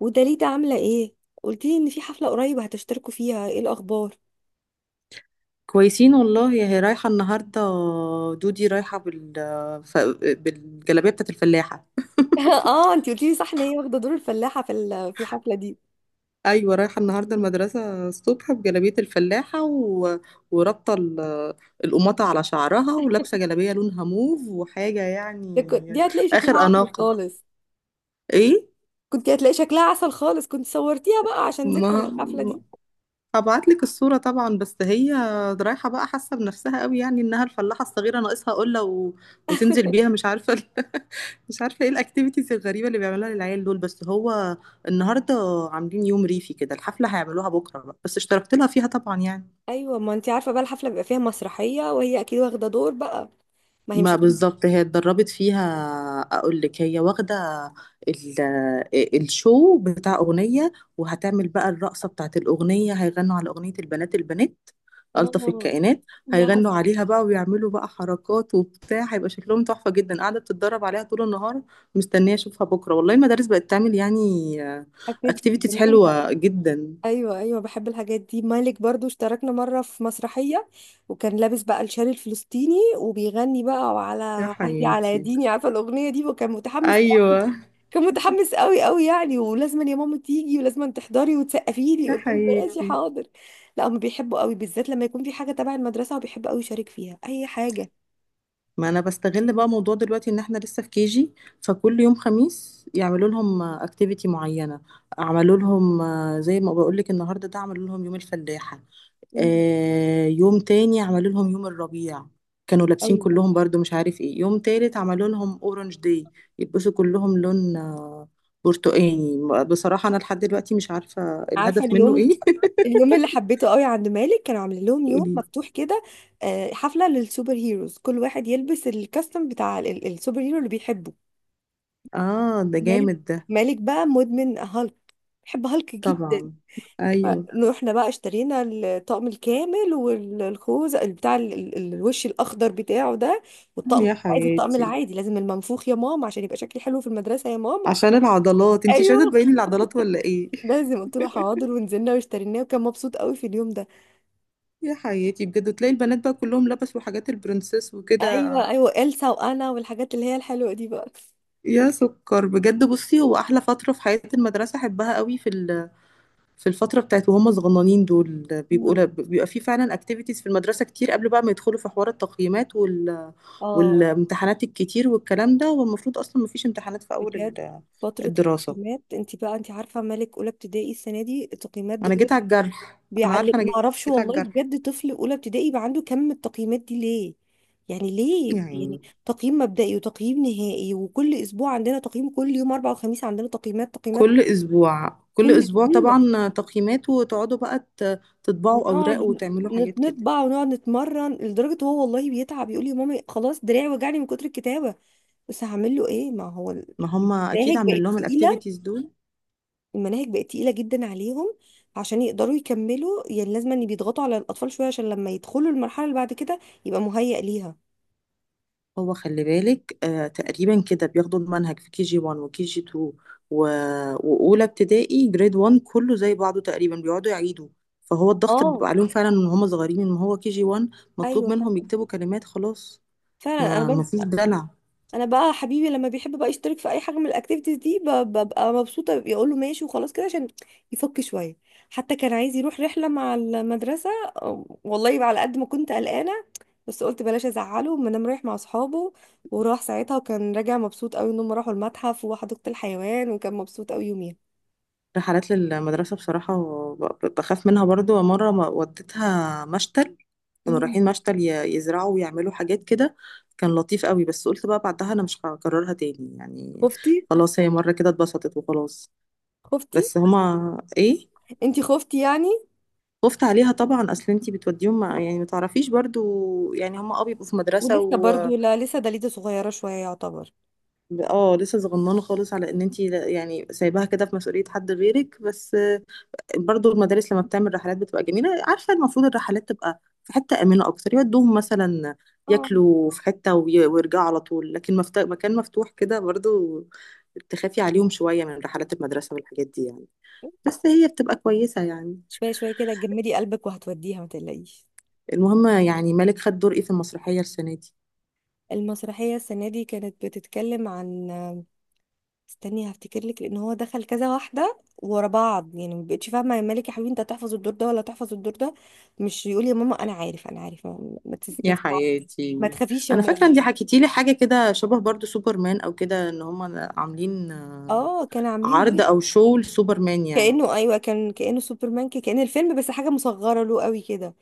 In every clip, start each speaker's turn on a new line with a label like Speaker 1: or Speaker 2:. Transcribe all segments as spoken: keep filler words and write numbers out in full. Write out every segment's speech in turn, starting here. Speaker 1: وداليدا عاملة ايه؟ قلتيلي ان في حفلة قريب هتشتركوا فيها. ايه الاخبار؟
Speaker 2: كويسين والله. هي رايحة النهاردة. دودي رايحة بال... ف... بالجلابية بتاعت الفلاحة.
Speaker 1: اه، انتي قلتيلي صح ان هي واخدة دور الفلاحة في ال- في الحفلة دي.
Speaker 2: أيوة، رايحة النهاردة المدرسة الصبح بجلابية الفلاحة و... ورابطة ال... القماطة على شعرها ولابسة جلابية لونها موف وحاجة
Speaker 1: ده كنت-
Speaker 2: يعني.
Speaker 1: دي هتلاقي شكلها
Speaker 2: آخر
Speaker 1: عسل
Speaker 2: أناقة.
Speaker 1: خالص.
Speaker 2: إيه؟
Speaker 1: كنت هتلاقي شكلها عسل خالص. كنت صورتيها بقى عشان ذكرى
Speaker 2: ما
Speaker 1: الحفلة دي.
Speaker 2: هبعت لك الصورة طبعا. بس هي رايحة بقى، حاسة بنفسها قوي يعني انها الفلاحة الصغيرة، ناقصها قلة و... وتنزل بيها. مش عارفة ال... مش عارفة ايه الاكتيفيتيز الغريبة اللي بيعملوها للعيال دول. بس هو النهاردة عاملين يوم ريفي كده. الحفلة هيعملوها بكرة بقى، بس اشتركت لها فيها طبعا يعني.
Speaker 1: ايوه، ما انتي عارفة بقى الحفلة بيبقى فيها مسرحية وهي اكيد واخدة دور بقى. ما هي مش
Speaker 2: ما
Speaker 1: هتبقى.
Speaker 2: بالظبط، هي اتدربت فيها. اقول لك، هي واخده ال- آه، الشو بتاع اغنيه. وهتعمل بقى الرقصه بتاعت الاغنيه. هيغنوا على اغنيه البنات، البنات الطف
Speaker 1: اه،
Speaker 2: الكائنات.
Speaker 1: دي
Speaker 2: هيغنوا
Speaker 1: عسل.
Speaker 2: عليها بقى، ويعملوا بقى حركات وبتاع. هيبقى شكلهم تحفه جدا. قاعده بتتدرب عليها طول النهار. مستنيه اشوفها بكره والله. المدارس بقت تعمل يعني
Speaker 1: اكتيفيتيز
Speaker 2: اكتيفيتيز
Speaker 1: جميلة.
Speaker 2: حلوه جدا.
Speaker 1: ايوه، ايوه، بحب الحاجات دي. مالك برضو اشتركنا مره في مسرحيه، وكان لابس بقى الشال الفلسطيني وبيغني بقى: وعلى
Speaker 2: يا
Speaker 1: عهدي على
Speaker 2: حياتي.
Speaker 1: ديني، عارفه الاغنيه دي، وكان متحمس.
Speaker 2: ايوه.
Speaker 1: كان متحمس قوي قوي يعني، ولازم يا ماما تيجي ولازم تحضري وتسقفي لي.
Speaker 2: يا
Speaker 1: قلت له ماشي
Speaker 2: حياتي.
Speaker 1: حاضر. لا، هم بيحبوا قوي بالذات لما يكون في حاجه تبع المدرسه، وبيحب قوي يشارك فيها اي حاجه.
Speaker 2: ما انا بستغل بقى موضوع دلوقتي ان احنا لسه في كيجي، فكل يوم خميس يعملوا لهم اكتيفيتي معينه. عملوا لهم آه، زي ما بقول لك النهارده ده عملوا لهم يوم الفلاحه.
Speaker 1: مم.
Speaker 2: آه، يوم تاني عملوا لهم يوم الربيع. كانوا لابسين
Speaker 1: ايوه،
Speaker 2: كلهم برضو مش عارف ايه. يوم تالت عملوا لهم اورنج داي، يلبسوا كلهم لون آه، برتقاني. بصراحه انا لحد دلوقتي مش عارفه
Speaker 1: عارفه
Speaker 2: الهدف منه
Speaker 1: اليوم،
Speaker 2: ايه.
Speaker 1: اليوم اللي حبيته قوي عند مالك كانوا عاملين لهم يوم
Speaker 2: قولي.
Speaker 1: مفتوح كده، آه، حفلة للسوبر هيروز. كل واحد يلبس الكاستم بتاع ال- ال- السوبر هيرو اللي بيحبه.
Speaker 2: اه، ده
Speaker 1: مالك
Speaker 2: جامد ده.
Speaker 1: مالك بقى مدمن هالك. بيحب هالك جدا.
Speaker 2: طبعا. ايوه.
Speaker 1: فروحنا بقى اشترينا الطقم الكامل والخوذ بتاع ال- بتاع ال- ال- الوش الاخضر بتاعه ده. والطقم
Speaker 2: يا
Speaker 1: مش عايز الطقم
Speaker 2: حياتي.
Speaker 1: العادي، لازم المنفوخ يا ماما، عشان يبقى شكلي حلو في المدرسة يا ماما.
Speaker 2: عشان العضلات، انتي مش عايزه
Speaker 1: ايوه
Speaker 2: تبيني العضلات ولا ايه؟
Speaker 1: لازم. قلت له حاضر ونزلنا واشتريناه، وكان مبسوط قوي في اليوم ده.
Speaker 2: يا حياتي بجد. تلاقي البنات بقى كلهم لبسوا حاجات البرنسيس وكده.
Speaker 1: ايوه، ايوه، إلسا وانا والحاجات اللي هي الحلوه دي بقى.
Speaker 2: يا سكر بجد. بصي، هو احلى فتره في حياه المدرسه، احبها قوي في ال- في الفتره بتاعت وهم صغننين دول. بيبقوا
Speaker 1: مم.
Speaker 2: ل- بيبقى في فعلا اكتيفيتيز في المدرسه كتير قبل بقى ما يدخلوا في حوار التقييمات وال
Speaker 1: اه،
Speaker 2: والامتحانات الكتير والكلام ده. والمفروض اصلا ما فيش امتحانات في اول
Speaker 1: بجد
Speaker 2: ال-
Speaker 1: فتره
Speaker 2: الدراسه.
Speaker 1: التقييمات. انت بقى انت عارفه مالك اولى ابتدائي السنه دي التقييمات
Speaker 2: انا
Speaker 1: بجد.
Speaker 2: جيت على الجرح. انا عارفه.
Speaker 1: بيعلق،
Speaker 2: انا
Speaker 1: ما اعرفش
Speaker 2: جيت على
Speaker 1: والله.
Speaker 2: الجرح
Speaker 1: بجد طفل اولى ابتدائي يبقى عنده كم من التقييمات دي ليه؟ يعني ليه، يعني
Speaker 2: يعني.
Speaker 1: تقييم مبدئي وتقييم نهائي وكل اسبوع عندنا تقييم. كل يوم اربع وخميس عندنا تقييمات، تقييمات.
Speaker 2: كل اسبوع. كل
Speaker 1: كل
Speaker 2: اسبوع
Speaker 1: اسبوع.
Speaker 2: طبعا تقييمات، وتقعدوا بقى ت- تطبعوا
Speaker 1: ونقعد
Speaker 2: اوراق وتعملوا
Speaker 1: نت-
Speaker 2: حاجات كده.
Speaker 1: نطبع ونقعد نتمرن لدرجه هو والله بيتعب، يقول لي يا مامي خلاص دراعي وجعني من كتر الكتابه. بس هعمل له ايه، ما هو
Speaker 2: ما هم اكيد
Speaker 1: المناهج
Speaker 2: عاملين
Speaker 1: بقت
Speaker 2: لهم
Speaker 1: تقيله.
Speaker 2: الاكتيفيتيز دول.
Speaker 1: المناهج بقت تقيله جدا عليهم عشان يقدروا يكملوا، يعني لازم ان بيضغطوا على الاطفال شويه عشان لما يدخلوا المرحله اللي بعد كده يبقى مهيأ ليها.
Speaker 2: هو خلي بالك، آه تقريبا كده بياخدوا المنهج في كي جي واحد وكي جي اتنين و- واولى ابتدائي جريد واحد كله زي بعضه تقريبا، بيقعدوا يعيدوا. فهو الضغط
Speaker 1: اه،
Speaker 2: بيبقى عليهم فعلا من هم صغيرين، ان هو كي جي واحد مطلوب
Speaker 1: ايوه
Speaker 2: منهم
Speaker 1: فعلا.
Speaker 2: يكتبوا كلمات خلاص.
Speaker 1: فعلا انا
Speaker 2: ما ما
Speaker 1: برضو،
Speaker 2: فيش دلع.
Speaker 1: انا بقى حبيبي لما بيحب بقى يشترك في اي حاجه من الاكتيفيتيز دي ب- ببقى مبسوطه، يقول له ماشي وخلاص كده عشان يفك شويه. حتى كان عايز يروح رحله مع المدرسه. أم، والله بقى على قد ما كنت قلقانه، بس قلت بلاش ازعله، ما انا رايح مع اصحابه. وراح ساعتها وكان راجع مبسوط قوي ان هم راحوا المتحف وحديقه الحيوان، وكان مبسوط قوي يوميها.
Speaker 2: رحلات للمدرسة بصراحة ب- بخاف منها برضو. مرة ما- وديتها مشتل. كانوا
Speaker 1: مم.
Speaker 2: رايحين مشتل ي- يزرعوا ويعملوا حاجات كده. كان لطيف قوي. بس قلت بقى بعدها أنا مش هكررها تاني يعني.
Speaker 1: خفتي.
Speaker 2: خلاص، هي مرة كده اتبسطت وخلاص.
Speaker 1: خفتي.
Speaker 2: بس هما إيه.
Speaker 1: انتي خفتي يعني.
Speaker 2: خفت عليها طبعا. أصل أنتي بتوديهم مع يعني ما تعرفيش برضو يعني. هما أه بيبقوا في مدرسة
Speaker 1: ولسه
Speaker 2: و
Speaker 1: برضو، لا لسه دليده صغيره شويه يعتبر.
Speaker 2: اه، لسه صغننة خالص. على إن أنتي لا- يعني سايباها كده في مسؤولية حد غيرك، بس برضو المدارس لما بتعمل رحلات بتبقى جميلة. عارفة، المفروض الرحلات تبقى في حتة آمنة أكتر. يودوهم مثلا
Speaker 1: اه،
Speaker 2: ياكلوا في حتة وي- ويرجعوا على طول. لكن مفت... مكان مفتوح كده برضو تخافي عليهم شوية من رحلات المدرسة والحاجات دي يعني. بس هي بتبقى كويسة يعني.
Speaker 1: شويه شويه كده، جمدي قلبك وهتوديها ما تقلقيش.
Speaker 2: المهم يعني، مالك خد دور ايه في المسرحية السنة دي؟
Speaker 1: المسرحية السنة دي كانت بتتكلم عن، استني هفتكر لك، لأن هو دخل كذا واحدة ورا بعض يعني ما بقتش فاهمة، يا مالك يا حبيبي أنت هتحفظ الدور ده ولا هتحفظ الدور ده؟ مش يقول يا ماما أنا عارف أنا عارف ما, ما, تس... ما,
Speaker 2: يا
Speaker 1: تزع-
Speaker 2: حياتي.
Speaker 1: ما تخافيش يا
Speaker 2: انا
Speaker 1: ماما.
Speaker 2: فاكره ان دي حكيتي لي حاجه كده شبه برضو سوبرمان او كده، ان هم عاملين آه،
Speaker 1: اه، كانوا عاملين
Speaker 2: عرض
Speaker 1: بيه،
Speaker 2: او شو لسوبرمان يعني.
Speaker 1: كأنه، أيوه، كان كأنه سوبرمان، كأن الفيلم بس حاجة مصغرة له قوي كده.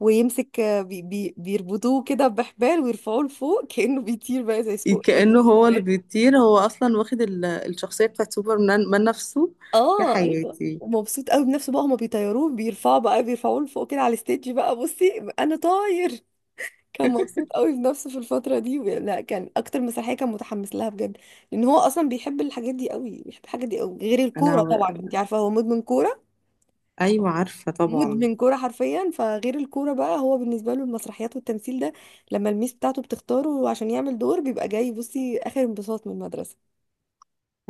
Speaker 1: ويمسك، آه، بي بي بيربطوه كده بحبال ويرفعوه لفوق كأنه بيطير بقى، زي سوق زي
Speaker 2: كأنه هو اللي
Speaker 1: سوبرمان.
Speaker 2: بيطير. هو أصلا واخد ال- الشخصية بتاعت سوبرمان من نفسه. يا
Speaker 1: اه ايوه،
Speaker 2: حياتي.
Speaker 1: ومبسوط قوي بنفسه بقى. هما بيطيروه، بيرفعوا بقى بيرفعوه لفوق كده على الستيج، بقى بصي انا طاير. كان مبسوط قوي بنفسه في الفتره دي، وبي- لا كان اكتر مسرحيه كان متحمس لها بجد، لان هو اصلا بيحب الحاجات دي قوي، بيحب الحاجات دي قوي غير
Speaker 2: أنا.
Speaker 1: الكوره طبعا، انت عارفه هو مدمن كوره.
Speaker 2: أيوة عارفة طبعا.
Speaker 1: مدمن كوره حرفيا. فغير الكوره بقى هو بالنسبه له المسرحيات والتمثيل ده، لما الميس بتاعته بتختاره عشان يعمل دور بيبقى جاي بصي اخر انبساط من المدرسه.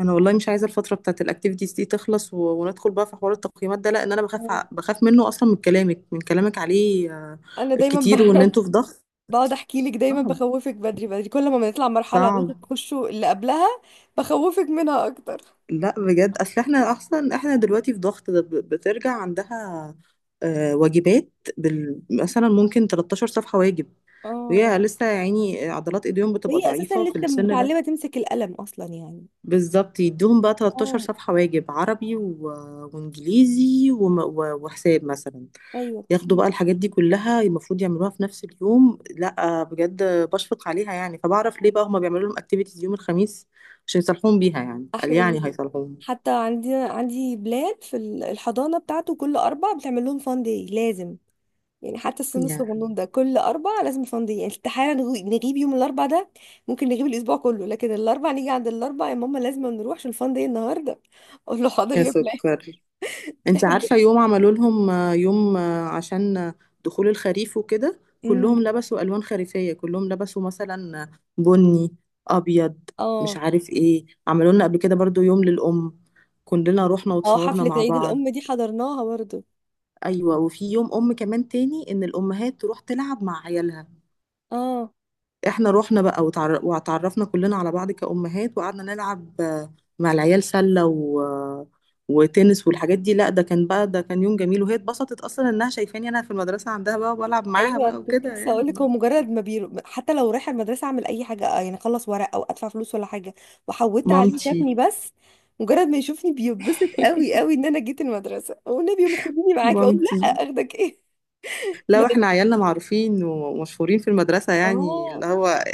Speaker 2: أنا والله مش عايزة الفترة بتاعت الأكتيفيتيز دي تخلص و... وندخل بقى في حوار التقييمات ده. لأن أنا بخاف ع- بخاف منه أصلا من كلامك من كلامك عليه آه،
Speaker 1: انا دايما
Speaker 2: الكتير، وإن
Speaker 1: بقى
Speaker 2: أنتوا في ضغط.
Speaker 1: بقعد احكي لك دايما،
Speaker 2: صعب.
Speaker 1: بخوفك بدري بدري كل ما بنطلع مرحله وانت
Speaker 2: صعب.
Speaker 1: بتخشوا اللي قبلها، بخوفك منها اكتر.
Speaker 2: لا بجد. أصل إحنا أصلا إحنا دلوقتي في ضغط ده، ب- بترجع عندها آه، واجبات. بال... مثلا ممكن تلتاشر صفحة واجب.
Speaker 1: اه.
Speaker 2: ويا لسه يا عيني عضلات ايديهم بتبقى
Speaker 1: وهي اساسا
Speaker 2: ضعيفة في
Speaker 1: لسه
Speaker 2: السن ده.
Speaker 1: متعلمه تمسك القلم اصلا يعني.
Speaker 2: بالظبط، يدوهم بقى ثلاث عشرة
Speaker 1: اه،
Speaker 2: صفحة واجب عربي و... وانجليزي وم... و... وحساب مثلا.
Speaker 1: ايوه
Speaker 2: ياخدوا بقى
Speaker 1: كتير.
Speaker 2: الحاجات دي كلها المفروض يعملوها في نفس اليوم. لا بجد، بشفق عليها يعني. فبعرف ليه بقى هما بيعملوا لهم اكتيفيتيز يوم الخميس، عشان يصلحوهم بيها يعني. قال
Speaker 1: احلى
Speaker 2: يعني
Speaker 1: يوم.
Speaker 2: هيصلحوهم
Speaker 1: حتى عندي عندي بلاد في ال- الحضانه بتاعته كل اربع بتعمل لهم فان داي لازم. يعني حتى السن الصغنون
Speaker 2: يعني.
Speaker 1: ده كل اربع لازم فان داي يعني، استحاله نغو- نغيب يوم الاربع ده. ممكن نغيب الاسبوع كله لكن الاربع، نيجي عند الاربع يا ماما لازم نروح عشان الفان داي النهارده. اقول له حاضر
Speaker 2: يا
Speaker 1: يا بلاد.
Speaker 2: سكر. انت عارفة يوم عملوا لهم آه، يوم آه، عشان آه، دخول الخريف وكده.
Speaker 1: امم
Speaker 2: كلهم لبسوا ألوان خريفية، كلهم لبسوا مثلا بني، أبيض، مش
Speaker 1: اه،
Speaker 2: عارف ايه. عملوا لنا قبل كده برضو يوم للأم. كلنا رحنا
Speaker 1: اه،
Speaker 2: وتصورنا
Speaker 1: حفلة
Speaker 2: مع
Speaker 1: عيد
Speaker 2: بعض.
Speaker 1: الأم دي حضرناها برضو.
Speaker 2: أيوة. وفي يوم أم كمان تاني إن الأمهات تروح تلعب مع عيالها.
Speaker 1: اه،
Speaker 2: احنا رحنا بقى وتعر- واتعرفنا كلنا على بعض كأمهات، وقعدنا نلعب مع العيال سلة و... وتنس والحاجات دي. لا، ده كان بقى، ده كان يوم جميل. وهي اتبسطت اصلا انها شايفاني انا في المدرسة عندها بقى، وبلعب معاها
Speaker 1: ايوه،
Speaker 2: بقى
Speaker 1: كنت
Speaker 2: وكده
Speaker 1: لسه
Speaker 2: يعني.
Speaker 1: هقول لك هو مجرد ما بيرو، حتى لو رايحه المدرسه اعمل اي حاجه آه، يعني اخلص ورق او ادفع فلوس ولا حاجه، وحودت عليه
Speaker 2: مامتي.
Speaker 1: شافني. بس مجرد ما يشوفني بيتبسط قوي قوي ان انا جيت المدرسه. والنبي يا أم خديني معاكي، اقول.
Speaker 2: مامتي.
Speaker 1: لا، اخدك ايه؟ ما
Speaker 2: لا،
Speaker 1: دام-
Speaker 2: احنا عيالنا معروفين ومشهورين في المدرسة يعني
Speaker 1: اه،
Speaker 2: اللي هو،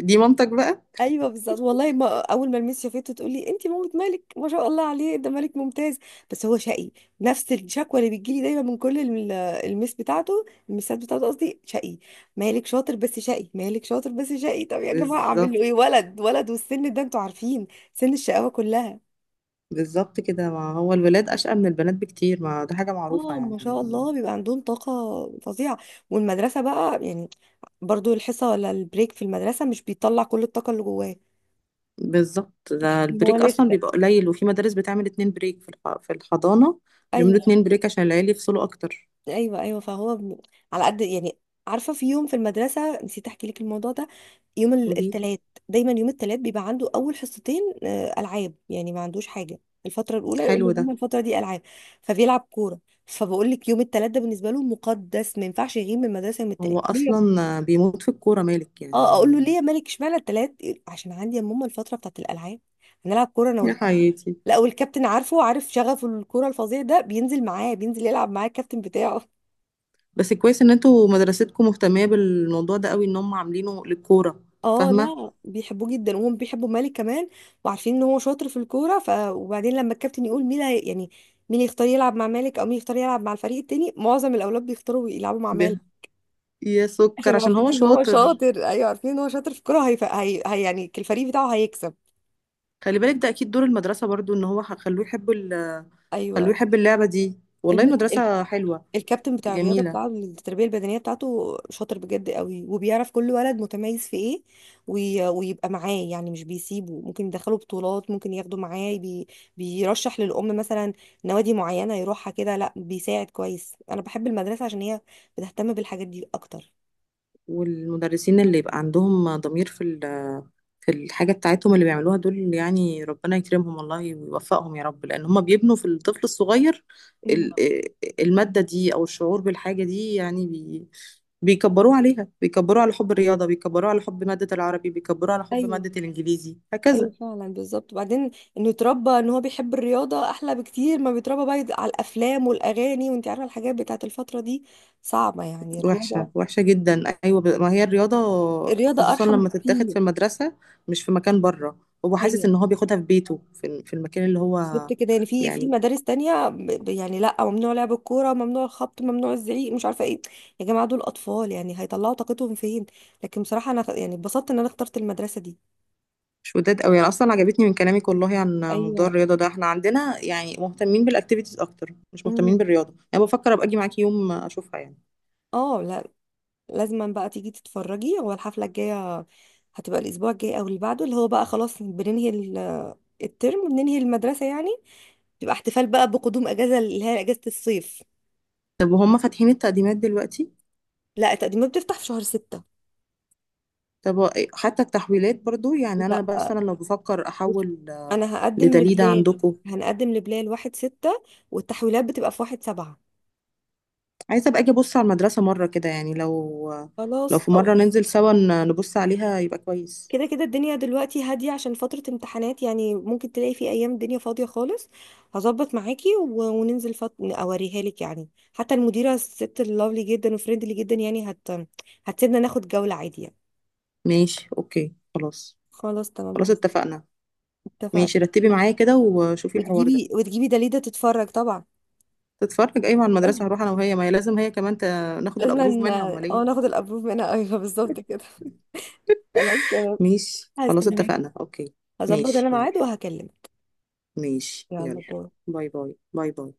Speaker 2: دي مامتك بقى.
Speaker 1: ايوه بالظبط. والله ما اول ما الميس شافته تقول لي انت مامة مالك، ما شاء الله عليه ده مالك ممتاز بس هو شقي. نفس الشكوى اللي بتجيلي دايما من كل الم- الميس بتاعته، الميسات بتاعته قصدي، شقي. مالك شاطر بس شقي، مالك شاطر بس شقي، طب يا جماعه اعمل
Speaker 2: بالظبط.
Speaker 1: له ايه، ولد ولد والسن ده انتوا عارفين، سن الشقاوه كلها.
Speaker 2: بالظبط كده، ما هو الولاد أشقى من البنات بكتير، ما ده حاجة معروفة
Speaker 1: اه،
Speaker 2: يعني.
Speaker 1: ما شاء الله بيبقى عندهم طاقه فظيعه. والمدرسه بقى يعني، برضو الحصه ولا البريك في المدرسه مش بيطلع كل الطاقه اللي جواه.
Speaker 2: بالظبط، ده
Speaker 1: ما هو
Speaker 2: البريك أصلا
Speaker 1: لسه.
Speaker 2: بيبقى قليل. وفي مدارس بتعمل اتنين بريك في الح- في الحضانة. بيعملوا
Speaker 1: ايوه،
Speaker 2: اتنين بريك عشان العيال يفصلوا أكتر.
Speaker 1: ايوه، ايوه. فهو ب- على قد يعني. عارفه، في يوم في المدرسه نسيت احكي لك الموضوع ده. يوم ال-
Speaker 2: قولي.
Speaker 1: التلات، دايما يوم التلات بيبقى عنده اول حصتين آه، العاب، يعني ما عندوش حاجه. الفتره الاولى يقول لي
Speaker 2: حلو
Speaker 1: ماما
Speaker 2: ده.
Speaker 1: الفتره دي العاب، فبيلعب كوره. فبقول لك يوم التلات ده بالنسبه له مقدس، ما ينفعش يغيب من المدرسه يوم التلات
Speaker 2: هو
Speaker 1: ليه يا-
Speaker 2: اصلا بيموت في الكوره مالك
Speaker 1: اه، اقول له ليه
Speaker 2: يعني.
Speaker 1: يا مالك اشمعنى التلات؟ يقول- عشان عندي يا ماما الفتره بتاعت الالعاب، هنلعب كوره انا
Speaker 2: يا
Speaker 1: والكابتن.
Speaker 2: حياتي.
Speaker 1: لا والكابتن عارفه، وعارف شغفه الكوره الفظيع ده، بينزل معاه بينزل يلعب معاه الكابتن بتاعه.
Speaker 2: بس كويس ان انتوا مدرستكم مهتمه بالموضوع ده قوي، ان هم عاملينه للكوره.
Speaker 1: اه
Speaker 2: فاهمه.
Speaker 1: لا، بيحبوه جدا وهم بيحبوا مالك كمان، وعارفين ان هو شاطر في الكوره. ف وبعدين لما الكابتن يقول مين هي- يعني مين يختار يلعب مع مالك او مين يختار يلعب مع الفريق التاني، معظم الاولاد بيختاروا يلعبوا مع
Speaker 2: ب-
Speaker 1: مالك.
Speaker 2: يا سكر،
Speaker 1: عشان
Speaker 2: عشان
Speaker 1: عارفين
Speaker 2: هو
Speaker 1: ان هو
Speaker 2: شاطر.
Speaker 1: شاطر، ايوه عارفين ان هو شاطر في الكوره. هي... هي... هي يعني الفريق بتاعه هيكسب.
Speaker 2: خلي بالك ده اكيد دور المدرسه برضو، ان هو خلوه يحب ال- خلوه
Speaker 1: ايوه،
Speaker 2: يحب اللعبه دي. والله
Speaker 1: الم...
Speaker 2: المدرسه حلوه.
Speaker 1: الكابتن بتاع الرياضه
Speaker 2: جميله.
Speaker 1: بتاع التربيه البدنيه بتاعته شاطر بجد قوي، وبيعرف كل ولد متميز في ايه. وي... ويبقى معاه يعني مش بيسيبه، ممكن يدخله بطولات، ممكن ياخده معاه بي... بيرشح للام مثلا نوادي معينه يروحها كده، لا بيساعد كويس. انا بحب المدرسه عشان هي بتهتم بالحاجات دي اكتر.
Speaker 2: والمدرسين اللي يبقى عندهم ضمير في ال- في الحاجة بتاعتهم اللي بيعملوها دول يعني، ربنا يكرمهم والله ويوفقهم يا رب. لأن هم بيبنوا في الطفل الصغير
Speaker 1: مم.
Speaker 2: ال- المادة دي أو الشعور بالحاجة دي يعني، بي بيكبروه عليها. بيكبروه على حب الرياضة، بيكبروه على حب مادة العربي، بيكبروه على حب
Speaker 1: ايوه،
Speaker 2: مادة الإنجليزي،
Speaker 1: ايوه
Speaker 2: هكذا.
Speaker 1: فعلا بالظبط. وبعدين انه يتربى ان هو بيحب الرياضه احلى بكتير ما بيتربى بقى على الافلام والاغاني، وانت عارفه الحاجات بتاعت الفتره دي صعبه يعني،
Speaker 2: وحشة.
Speaker 1: الرياضه.
Speaker 2: وحشة جدا. أيوة. ب- ما هي الرياضة
Speaker 1: الرياضة
Speaker 2: خصوصا
Speaker 1: أرحم
Speaker 2: لما تتاخد
Speaker 1: بكتير.
Speaker 2: في المدرسة، مش في مكان بره. هو حاسس
Speaker 1: أيوة
Speaker 2: إن هو بياخدها في بيته، في في المكان اللي هو
Speaker 1: بالظبط كده يعني، في في
Speaker 2: يعني.
Speaker 1: مدارس تانية ب- ب- يعني لأ، ممنوع لعب الكورة، ممنوع الخبط، ممنوع الزعيق، مش عارفة إيه. يا جماعة دول أطفال، يعني هيطلعوا طاقتهم فين؟ لكن بصراحة أنا خ- يعني اتبسطت إن أنا اخترت المدرسة دي.
Speaker 2: مش وداد قوي، انا اصلا عجبتني من كلامك والله عن موضوع
Speaker 1: أيوة.
Speaker 2: الرياضه ده. احنا عندنا يعني مهتمين بالاكتيفيتيز اكتر، مش مهتمين
Speaker 1: أمم.
Speaker 2: بالرياضه. انا بفكر ابقى اجي معاكي يوم اشوفها يعني.
Speaker 1: اه، لا، لازما بقى تيجي تتفرجي، هو الحفلة الجاية هتبقى الأسبوع الجاي أو اللي بعده، اللي هو بقى خلاص بننهي ال- الترم وبننهي المدرسة يعني، تبقى احتفال بقى بقدوم أجازة، اللي هي أجازة الصيف.
Speaker 2: طب وهم فاتحين التقديمات دلوقتي؟
Speaker 1: لا، التقديمات بتفتح في شهر ستة.
Speaker 2: طب حتى التحويلات برضو يعني، انا
Speaker 1: لا،
Speaker 2: مثلا لو بفكر
Speaker 1: بص،
Speaker 2: احول
Speaker 1: انا هقدم
Speaker 2: لدليده
Speaker 1: لبلال.
Speaker 2: عندكم.
Speaker 1: هنقدم لبلال واحد ستة، والتحويلات بتبقى في واحد سبعة.
Speaker 2: عايزه ابقى اجي ابص على المدرسه مره كده يعني، لو لو
Speaker 1: خلاص
Speaker 2: في
Speaker 1: أو،
Speaker 2: مره ننزل سوا ن- نبص عليها يبقى كويس.
Speaker 1: كده كده الدنيا دلوقتي هادية عشان فترة امتحانات يعني، ممكن تلاقي في أيام الدنيا فاضية خالص. هظبط معاكي و- وننزل فت... أوريها لك يعني. حتى المديرة الست اللافلي جدا وفريندلي جدا يعني هت... هتسيبنا ناخد جولة عادية يعني.
Speaker 2: ماشي، اوكي. خلاص.
Speaker 1: خلاص تمام.
Speaker 2: خلاص اتفقنا.
Speaker 1: اتفقنا.
Speaker 2: ماشي، رتبي
Speaker 1: وت-
Speaker 2: معايا كده وشوفي الحوار ده.
Speaker 1: وتجيبي وتجيبي دليدة تتفرج طبعا.
Speaker 2: تتفرج، ايوه، على
Speaker 1: لازم،
Speaker 2: المدرسه. هروح انا وهي، ما هي لازم هي كمان ت... ناخد
Speaker 1: لازم
Speaker 2: الابروف
Speaker 1: ن-
Speaker 2: منها، امال
Speaker 1: اه
Speaker 2: ايه.
Speaker 1: ناخد الابروف منها، ايوه بالظبط كده. خلاص تمام.
Speaker 2: ماشي، خلاص
Speaker 1: هستناك.
Speaker 2: اتفقنا، اوكي.
Speaker 1: هظبط
Speaker 2: ماشي،
Speaker 1: انا ميعاد
Speaker 2: يلا.
Speaker 1: وهكلمك.
Speaker 2: ماشي،
Speaker 1: يلا
Speaker 2: يلا.
Speaker 1: باي.
Speaker 2: باي باي. باي باي.